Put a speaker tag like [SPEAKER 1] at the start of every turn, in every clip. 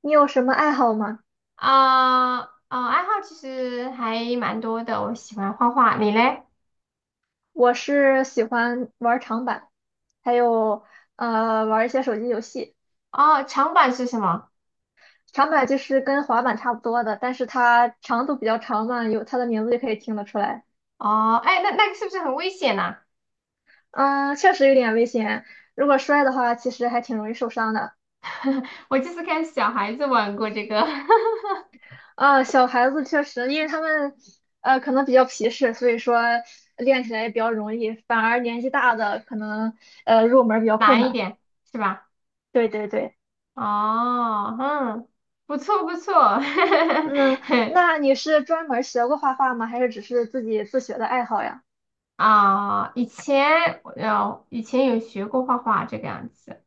[SPEAKER 1] 你有什么爱好吗？
[SPEAKER 2] 啊哦，爱好其实还蛮多的，我喜欢画画，你嘞？
[SPEAKER 1] 我是喜欢玩长板，还有玩一些手机游戏。
[SPEAKER 2] 哦，长板是什么？
[SPEAKER 1] 长板就是跟滑板差不多的，但是它长度比较长嘛，有它的名字就可以听得出来。
[SPEAKER 2] 哦，哎，那那个是不是很危险呐、
[SPEAKER 1] 嗯，确实有点危险，如果摔的话，其实还挺容易受伤的。
[SPEAKER 2] 我就是看小孩子玩过这个，
[SPEAKER 1] 啊，小孩子确实，因为他们可能比较皮实，所以说练起来也比较容易，反而年纪大的可能入门比 较困
[SPEAKER 2] 难一
[SPEAKER 1] 难。
[SPEAKER 2] 点是吧？
[SPEAKER 1] 对对对。
[SPEAKER 2] 哦，嗯，不错不错，
[SPEAKER 1] 嗯，那你是专门学过画画吗？还是只是自己自学的爱好呀？
[SPEAKER 2] 啊、以前以前有学过画画这个样子。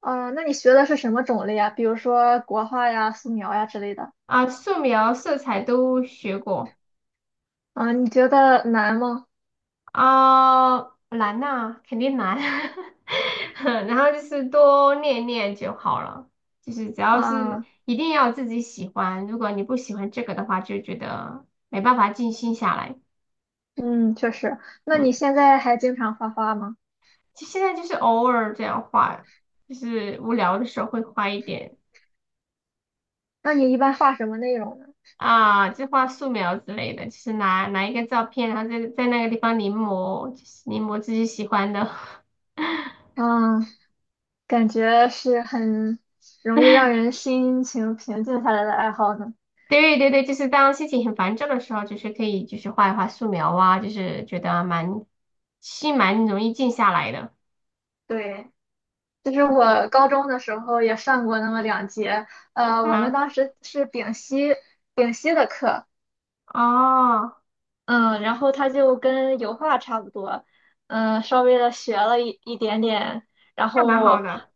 [SPEAKER 1] 啊、那你学的是什么种类呀？比如说国画呀、素描呀之类的。
[SPEAKER 2] 啊、素描、色彩都学过。
[SPEAKER 1] 啊、你觉得难吗？
[SPEAKER 2] 啊、难呐、肯定难。然后就是多练练就好了，就是只要是
[SPEAKER 1] 啊、
[SPEAKER 2] 一定要自己喜欢，如果你不喜欢这个的话，就觉得没办法静心下来。
[SPEAKER 1] 嗯，确实。那你
[SPEAKER 2] 嗯，
[SPEAKER 1] 现在还经常画画吗？
[SPEAKER 2] 就现在就是偶尔这样画，就是无聊的时候会画一点。
[SPEAKER 1] 那你一般画什么内容呢？
[SPEAKER 2] 啊，就画素描之类的，就是拿一个照片，然后在那个地方临摹，就是临摹自己喜欢的。
[SPEAKER 1] 嗯，感觉是很容易让人心情平静下来的爱好呢。
[SPEAKER 2] 对对对，就是当心情很烦躁的时候，就是可以就是画一画素描啊，就是觉得蛮心蛮容易静下来的。
[SPEAKER 1] 对，就是
[SPEAKER 2] 是
[SPEAKER 1] 我高中的时候也上过那么2节，我们
[SPEAKER 2] 啊，
[SPEAKER 1] 当时是丙烯的课，
[SPEAKER 2] 哦，
[SPEAKER 1] 嗯，然后他就跟油画差不多，嗯，稍微的学了一点点，然
[SPEAKER 2] 那蛮好
[SPEAKER 1] 后
[SPEAKER 2] 的。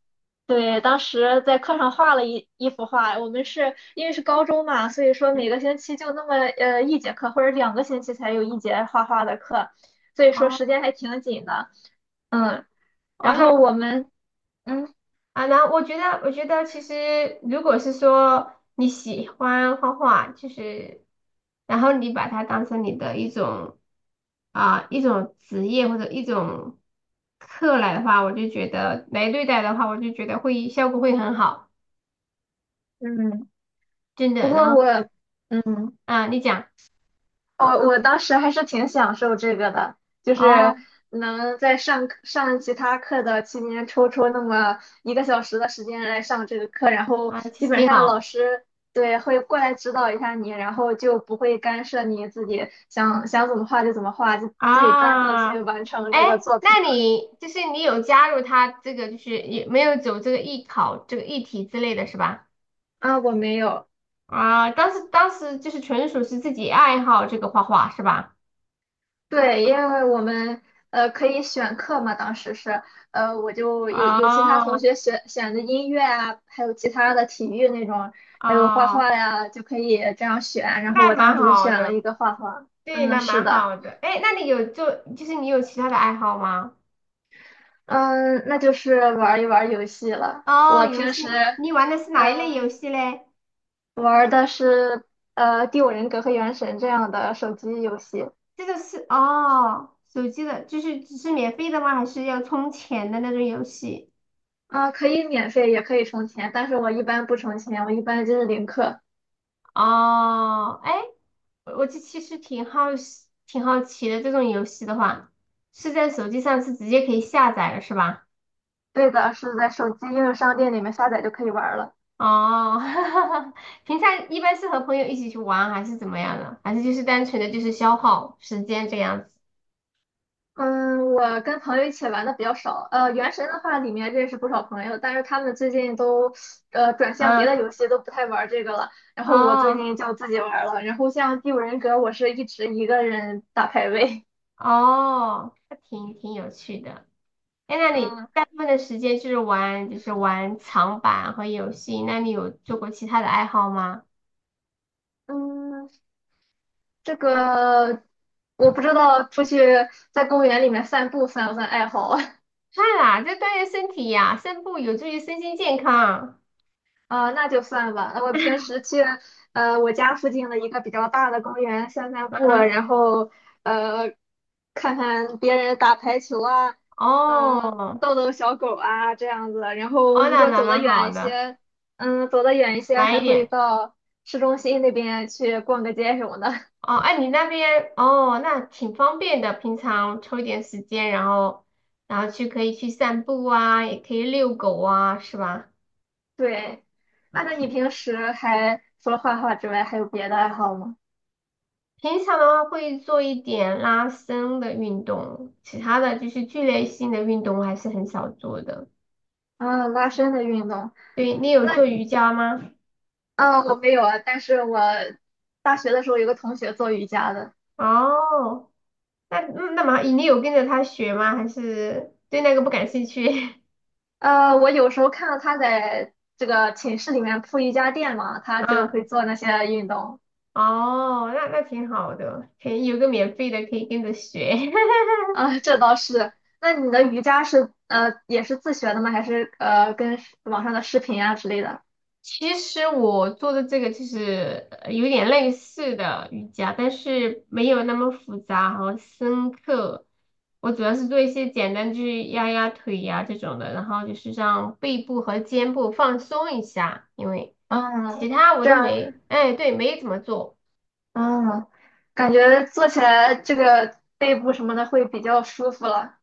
[SPEAKER 1] 对，当时在课上画了一幅画，我们是因为是高中嘛，所以说每
[SPEAKER 2] 嗯，
[SPEAKER 1] 个星期就那么1节课或者2个星期才有一节画画的课，所以说
[SPEAKER 2] 哦
[SPEAKER 1] 时间还挺紧的，嗯，然
[SPEAKER 2] 哦，那
[SPEAKER 1] 后我们嗯
[SPEAKER 2] 啊，那我觉得其实如果是说你喜欢画画，就是然后你把它当成你的一种啊、一种职业或者一种课来的话，我就觉得来对待的话，我就觉得会效果会很好。
[SPEAKER 1] 嗯，
[SPEAKER 2] 真
[SPEAKER 1] 不
[SPEAKER 2] 的，然
[SPEAKER 1] 过
[SPEAKER 2] 后。
[SPEAKER 1] 我嗯。
[SPEAKER 2] 啊，你讲
[SPEAKER 1] 我当时还是挺享受这个的，就是
[SPEAKER 2] 哦
[SPEAKER 1] 能在上课上其他课的期间抽出那么1个小时的时间来上这个课，然后
[SPEAKER 2] 啊，其
[SPEAKER 1] 基
[SPEAKER 2] 实
[SPEAKER 1] 本
[SPEAKER 2] 挺
[SPEAKER 1] 上老
[SPEAKER 2] 好
[SPEAKER 1] 师对会过来指导一下你，然后就不会干涉你自己想想怎么画就怎么画，就自己专注的
[SPEAKER 2] 啊。
[SPEAKER 1] 去完成
[SPEAKER 2] 哎，
[SPEAKER 1] 这个作品
[SPEAKER 2] 那
[SPEAKER 1] 了。
[SPEAKER 2] 你就是你有加入他这个，就是也没有走这个艺考这个艺体之类的是吧？
[SPEAKER 1] 啊，我没有。
[SPEAKER 2] 啊，当时就是纯属是自己爱好这个画画是吧？
[SPEAKER 1] 对，因为我们可以选课嘛，当时是我就有其他同
[SPEAKER 2] 哦
[SPEAKER 1] 学选的音乐啊，还有其他的体育那种，还有画
[SPEAKER 2] 哦，
[SPEAKER 1] 画呀，就可以这样选。然后
[SPEAKER 2] 那
[SPEAKER 1] 我当
[SPEAKER 2] 蛮
[SPEAKER 1] 时就
[SPEAKER 2] 好
[SPEAKER 1] 选了
[SPEAKER 2] 的，
[SPEAKER 1] 一个画画。
[SPEAKER 2] 对，
[SPEAKER 1] 嗯，
[SPEAKER 2] 那
[SPEAKER 1] 是
[SPEAKER 2] 蛮
[SPEAKER 1] 的，
[SPEAKER 2] 好的。哎，那你有做，就是你有其他的爱好吗？
[SPEAKER 1] 嗯，那就是玩一玩游戏了。
[SPEAKER 2] 哦，
[SPEAKER 1] 我
[SPEAKER 2] 游
[SPEAKER 1] 平时
[SPEAKER 2] 戏，你玩的是哪一类
[SPEAKER 1] 嗯
[SPEAKER 2] 游戏嘞？
[SPEAKER 1] 玩的是《第五人格》和《原神》这样的手机游戏。
[SPEAKER 2] 这个是哦，手机的，就是只是免费的吗？还是要充钱的那种游戏？
[SPEAKER 1] 啊、可以免费，也可以充钱，但是我一般不充钱，我一般就是零氪。
[SPEAKER 2] 哦，哎，我其实挺好奇，挺好奇的。这种游戏的话，是在手机上是直接可以下载的，是吧？
[SPEAKER 1] 对的，是在手机应用商店里面下载就可以玩儿了。
[SPEAKER 2] 哦，平常一般是和朋友一起去玩，还是怎么样的？还是就是单纯的就是消耗时间这样子？
[SPEAKER 1] 嗯，我跟朋友一起玩的比较少。原神的话，里面认识不少朋友，但是他们最近都转向别的
[SPEAKER 2] 嗯，
[SPEAKER 1] 游戏，都不太玩这个了。然后我最
[SPEAKER 2] 哦
[SPEAKER 1] 近就自己玩了。然后像《第五人格》，我是一直一个人打排位。
[SPEAKER 2] 哦，还挺有趣的。哎，那你
[SPEAKER 1] 嗯
[SPEAKER 2] 大部分的时间就是玩，就是玩长板和游戏。那你有做过其他的爱好吗？
[SPEAKER 1] 嗯，这个我不知道出去在公园里面散步算不算爱好啊。
[SPEAKER 2] 算啦，就锻炼身体呀、散步有助于身心健康。
[SPEAKER 1] 啊、那就算吧。那我平时去我家附近的一个比较大的公园散散步啊
[SPEAKER 2] 嗯，
[SPEAKER 1] 然后呃看看别人打排球啊，
[SPEAKER 2] 哦，
[SPEAKER 1] 逗逗小狗啊这样子。然后
[SPEAKER 2] 哦，
[SPEAKER 1] 如
[SPEAKER 2] 那
[SPEAKER 1] 果
[SPEAKER 2] 那
[SPEAKER 1] 走得
[SPEAKER 2] 蛮
[SPEAKER 1] 远
[SPEAKER 2] 好
[SPEAKER 1] 一
[SPEAKER 2] 的，
[SPEAKER 1] 些，走得远一些
[SPEAKER 2] 晚一
[SPEAKER 1] 还会
[SPEAKER 2] 点。
[SPEAKER 1] 到市中心那边去逛个街什么的。
[SPEAKER 2] 哦，哎，你那边哦，那挺方便的。平常抽一点时间，然后，然后去可以去散步啊，也可以遛狗啊，是吧？
[SPEAKER 1] 对，
[SPEAKER 2] 那
[SPEAKER 1] 那你
[SPEAKER 2] 挺
[SPEAKER 1] 平时还除了画画之外，还有别的爱好吗？
[SPEAKER 2] 平常的话会做一点拉伸的运动，其他的就是剧烈性的运动我还是很少做的。
[SPEAKER 1] 啊，拉伸的运动。
[SPEAKER 2] 对，你有
[SPEAKER 1] 那
[SPEAKER 2] 做瑜伽吗？
[SPEAKER 1] 啊，我没有啊，但是我大学的时候有个同学做瑜伽的，
[SPEAKER 2] 哦，那嗯那么你有跟着他学吗？还是对那个不感兴趣？
[SPEAKER 1] 我有时候看到他在这个寝室里面铺瑜伽垫嘛，他就
[SPEAKER 2] 啊，
[SPEAKER 1] 会做那些运动
[SPEAKER 2] 哦，那那挺好的，可以有个免费的可以跟着学。
[SPEAKER 1] 啊，这倒是。那你的瑜伽是也是自学的吗？还是跟网上的视频啊之类的？
[SPEAKER 2] 其实我做的这个就是有点类似的瑜伽，但是没有那么复杂和深刻。我主要是做一些简单，就是压压腿呀、这种的，然后就是让背部和肩部放松一下，因为其
[SPEAKER 1] 嗯，
[SPEAKER 2] 他我
[SPEAKER 1] 这
[SPEAKER 2] 都
[SPEAKER 1] 样，
[SPEAKER 2] 没，哎，对，没怎么做。
[SPEAKER 1] 嗯，感觉做起来这个背部什么的会比较舒服了。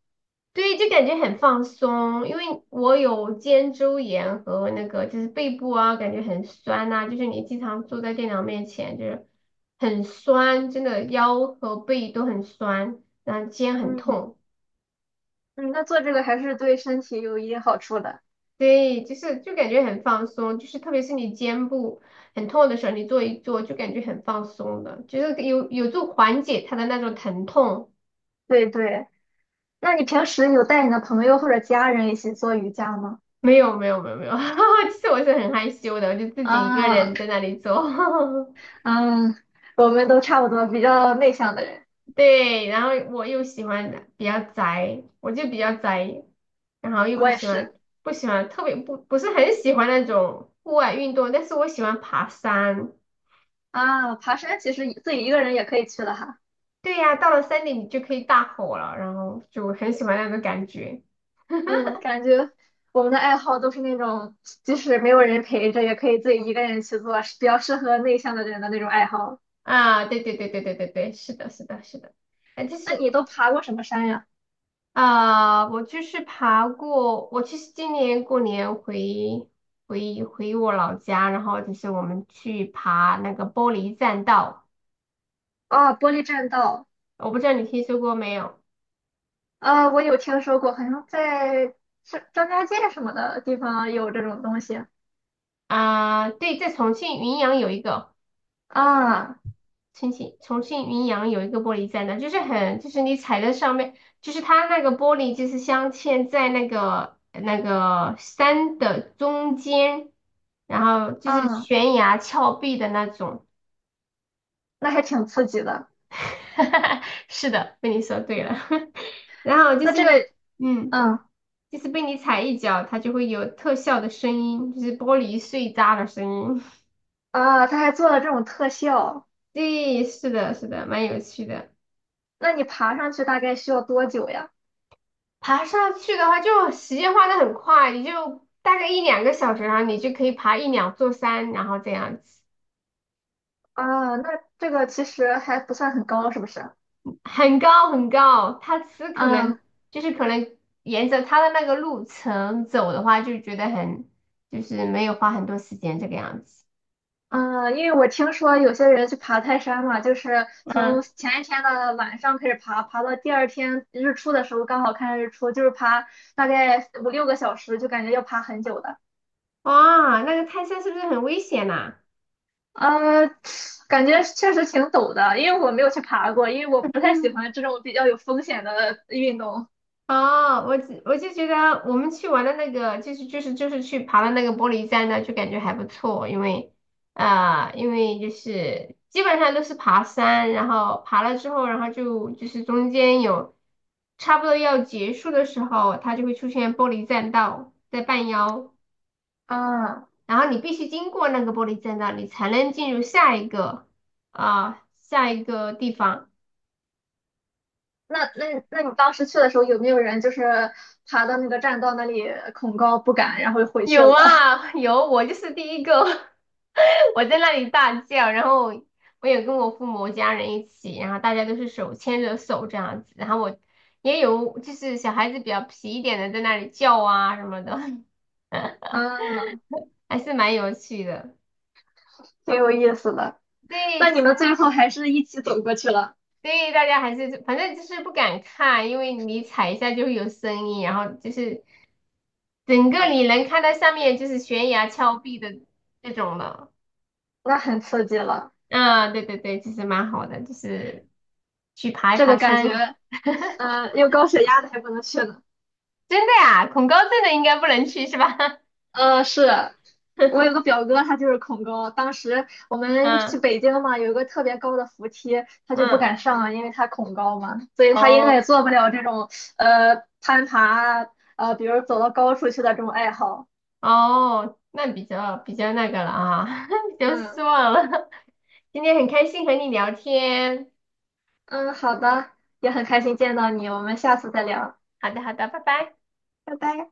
[SPEAKER 2] 对，就感觉很放松，因为我有肩周炎和那个就是背部啊，感觉很酸呐、就是你经常坐在电脑面前，就是很酸，真的腰和背都很酸，然后肩很
[SPEAKER 1] 嗯
[SPEAKER 2] 痛，
[SPEAKER 1] 嗯，那做这个还是对身体有一定好处的。
[SPEAKER 2] 对，就是就感觉很放松，就是特别是你肩部很痛的时候，你做一做就感觉很放松的，就是有助缓解它的那种疼痛。
[SPEAKER 1] 对对。那你平时有带你的朋友或者家人一起做瑜伽吗？
[SPEAKER 2] 没有没有没有没有，其实我是很害羞的，我就自己一个
[SPEAKER 1] 啊，
[SPEAKER 2] 人在那里做。
[SPEAKER 1] 嗯，我们都差不多，比较内向的人，
[SPEAKER 2] 对，然后我又喜欢比较宅，我就比较宅，然后又
[SPEAKER 1] 我
[SPEAKER 2] 不
[SPEAKER 1] 也
[SPEAKER 2] 喜
[SPEAKER 1] 是。
[SPEAKER 2] 欢不喜欢特别不是很喜欢那种户外运动，但是我喜欢爬山。
[SPEAKER 1] 啊，爬山其实自己一个人也可以去的哈。
[SPEAKER 2] 对呀，到了山顶你就可以大吼了，然后就很喜欢那种感觉。
[SPEAKER 1] 嗯，感觉我们的爱好都是那种，即使没有人陪着，也可以自己一个人去做，是比较适合内向的人的那种爱好。
[SPEAKER 2] 啊！对对对对对对对，是的，是的，是的。哎，就
[SPEAKER 1] 那你
[SPEAKER 2] 是
[SPEAKER 1] 都爬过什么山呀？
[SPEAKER 2] 啊、我就是爬过，我其实今年过年回我老家，然后就是我们去爬那个玻璃栈道。
[SPEAKER 1] 啊，玻璃栈道。
[SPEAKER 2] 我不知道你听说过没有。
[SPEAKER 1] 啊，我有听说过，好像是张家界什么的地方有这种东西。
[SPEAKER 2] 啊？对，在
[SPEAKER 1] 啊，
[SPEAKER 2] 重庆云阳有一个玻璃栈道，就是很就是你踩在上面，就是它那个玻璃就是镶嵌在那个山的中间，然后就是
[SPEAKER 1] 啊。
[SPEAKER 2] 悬崖峭壁的那种。
[SPEAKER 1] 那还挺刺激的。
[SPEAKER 2] 是的，被你说对了。然后就
[SPEAKER 1] 那
[SPEAKER 2] 是
[SPEAKER 1] 这个，
[SPEAKER 2] 你，嗯，
[SPEAKER 1] 嗯
[SPEAKER 2] 就是被你踩一脚，它就会有特效的声音，就是玻璃碎渣的声音。
[SPEAKER 1] 他还做了这种特效，
[SPEAKER 2] 对，是的，是的，蛮有趣的。
[SPEAKER 1] 那你爬上去大概需要多久呀？
[SPEAKER 2] 爬上去的话，就时间花得很快，你就大概一两个小时，然后你就可以爬一两座山，然后这样子，
[SPEAKER 1] 啊，那这个其实还不算很高，是不是？
[SPEAKER 2] 很高很高。它吃可能
[SPEAKER 1] 嗯
[SPEAKER 2] 就是可能沿着它的那个路程走的话，就觉得很就是没有花很多时间这个样子。
[SPEAKER 1] 嗯，因为我听说有些人去爬泰山嘛，就是从
[SPEAKER 2] 嗯，
[SPEAKER 1] 前一天的晚上开始爬，爬到第二天日出的时候刚好看日出，就是爬大概5、6个小时，就感觉要爬很久的。
[SPEAKER 2] 哇，那个泰山是不是很危险呐、
[SPEAKER 1] 呃，感觉确实挺陡的，因为我没有去爬过，因为我不太喜欢这种比较有风险的运动。
[SPEAKER 2] 哦，我就觉得我们去玩的那个，就是去爬的那个玻璃栈道，就感觉还不错，因为啊、因为就是基本上都是爬山，然后爬了之后，然后就是中间有差不多要结束的时候，它就会出现玻璃栈道在半腰，
[SPEAKER 1] 啊，
[SPEAKER 2] 然后你必须经过那个玻璃栈道，你才能进入下一个啊、下一个地方。
[SPEAKER 1] 那你当时去的时候有没有人就是爬到那个栈道那里恐高不敢，然后又回去
[SPEAKER 2] 有
[SPEAKER 1] 了的？
[SPEAKER 2] 啊，有，我就是第一个，我在那里大叫，然后我有跟我父母家人一起，然后大家都是手牵着手这样子，然后我也有就是小孩子比较皮一点的在那里叫啊什么的，
[SPEAKER 1] 嗯，
[SPEAKER 2] 还是蛮有趣的。
[SPEAKER 1] 挺有意思的。
[SPEAKER 2] 对，
[SPEAKER 1] 那
[SPEAKER 2] 就是
[SPEAKER 1] 你们最后还是一起走过去了，
[SPEAKER 2] 对大家还是反正就是不敢看，因为你踩一下就会有声音，然后就是整个你能看到下面就是悬崖峭壁的那种了。
[SPEAKER 1] 那很刺激了。
[SPEAKER 2] 嗯，对对对，其实蛮好的，就是去爬一
[SPEAKER 1] 这
[SPEAKER 2] 爬
[SPEAKER 1] 个感觉，
[SPEAKER 2] 山。
[SPEAKER 1] 有高血压的还不能去呢。
[SPEAKER 2] 真的呀，恐高症的应该不能去是吧？
[SPEAKER 1] 是我有个 表哥，他就是恐高。当时我们去
[SPEAKER 2] 嗯
[SPEAKER 1] 北京嘛，有一个特别高的扶梯，他就不
[SPEAKER 2] 嗯，
[SPEAKER 1] 敢上，因为他恐高嘛，所以他应该也
[SPEAKER 2] 哦，
[SPEAKER 1] 做不了这种攀爬，比如走到高处去的这种爱好。
[SPEAKER 2] 哦，那比较比较那个了啊，比较失
[SPEAKER 1] 嗯
[SPEAKER 2] 望了。今天很开心和你聊天，
[SPEAKER 1] 嗯，好的，也很开心见到你，我们下次再聊，
[SPEAKER 2] 好的好的，拜拜。
[SPEAKER 1] 拜拜。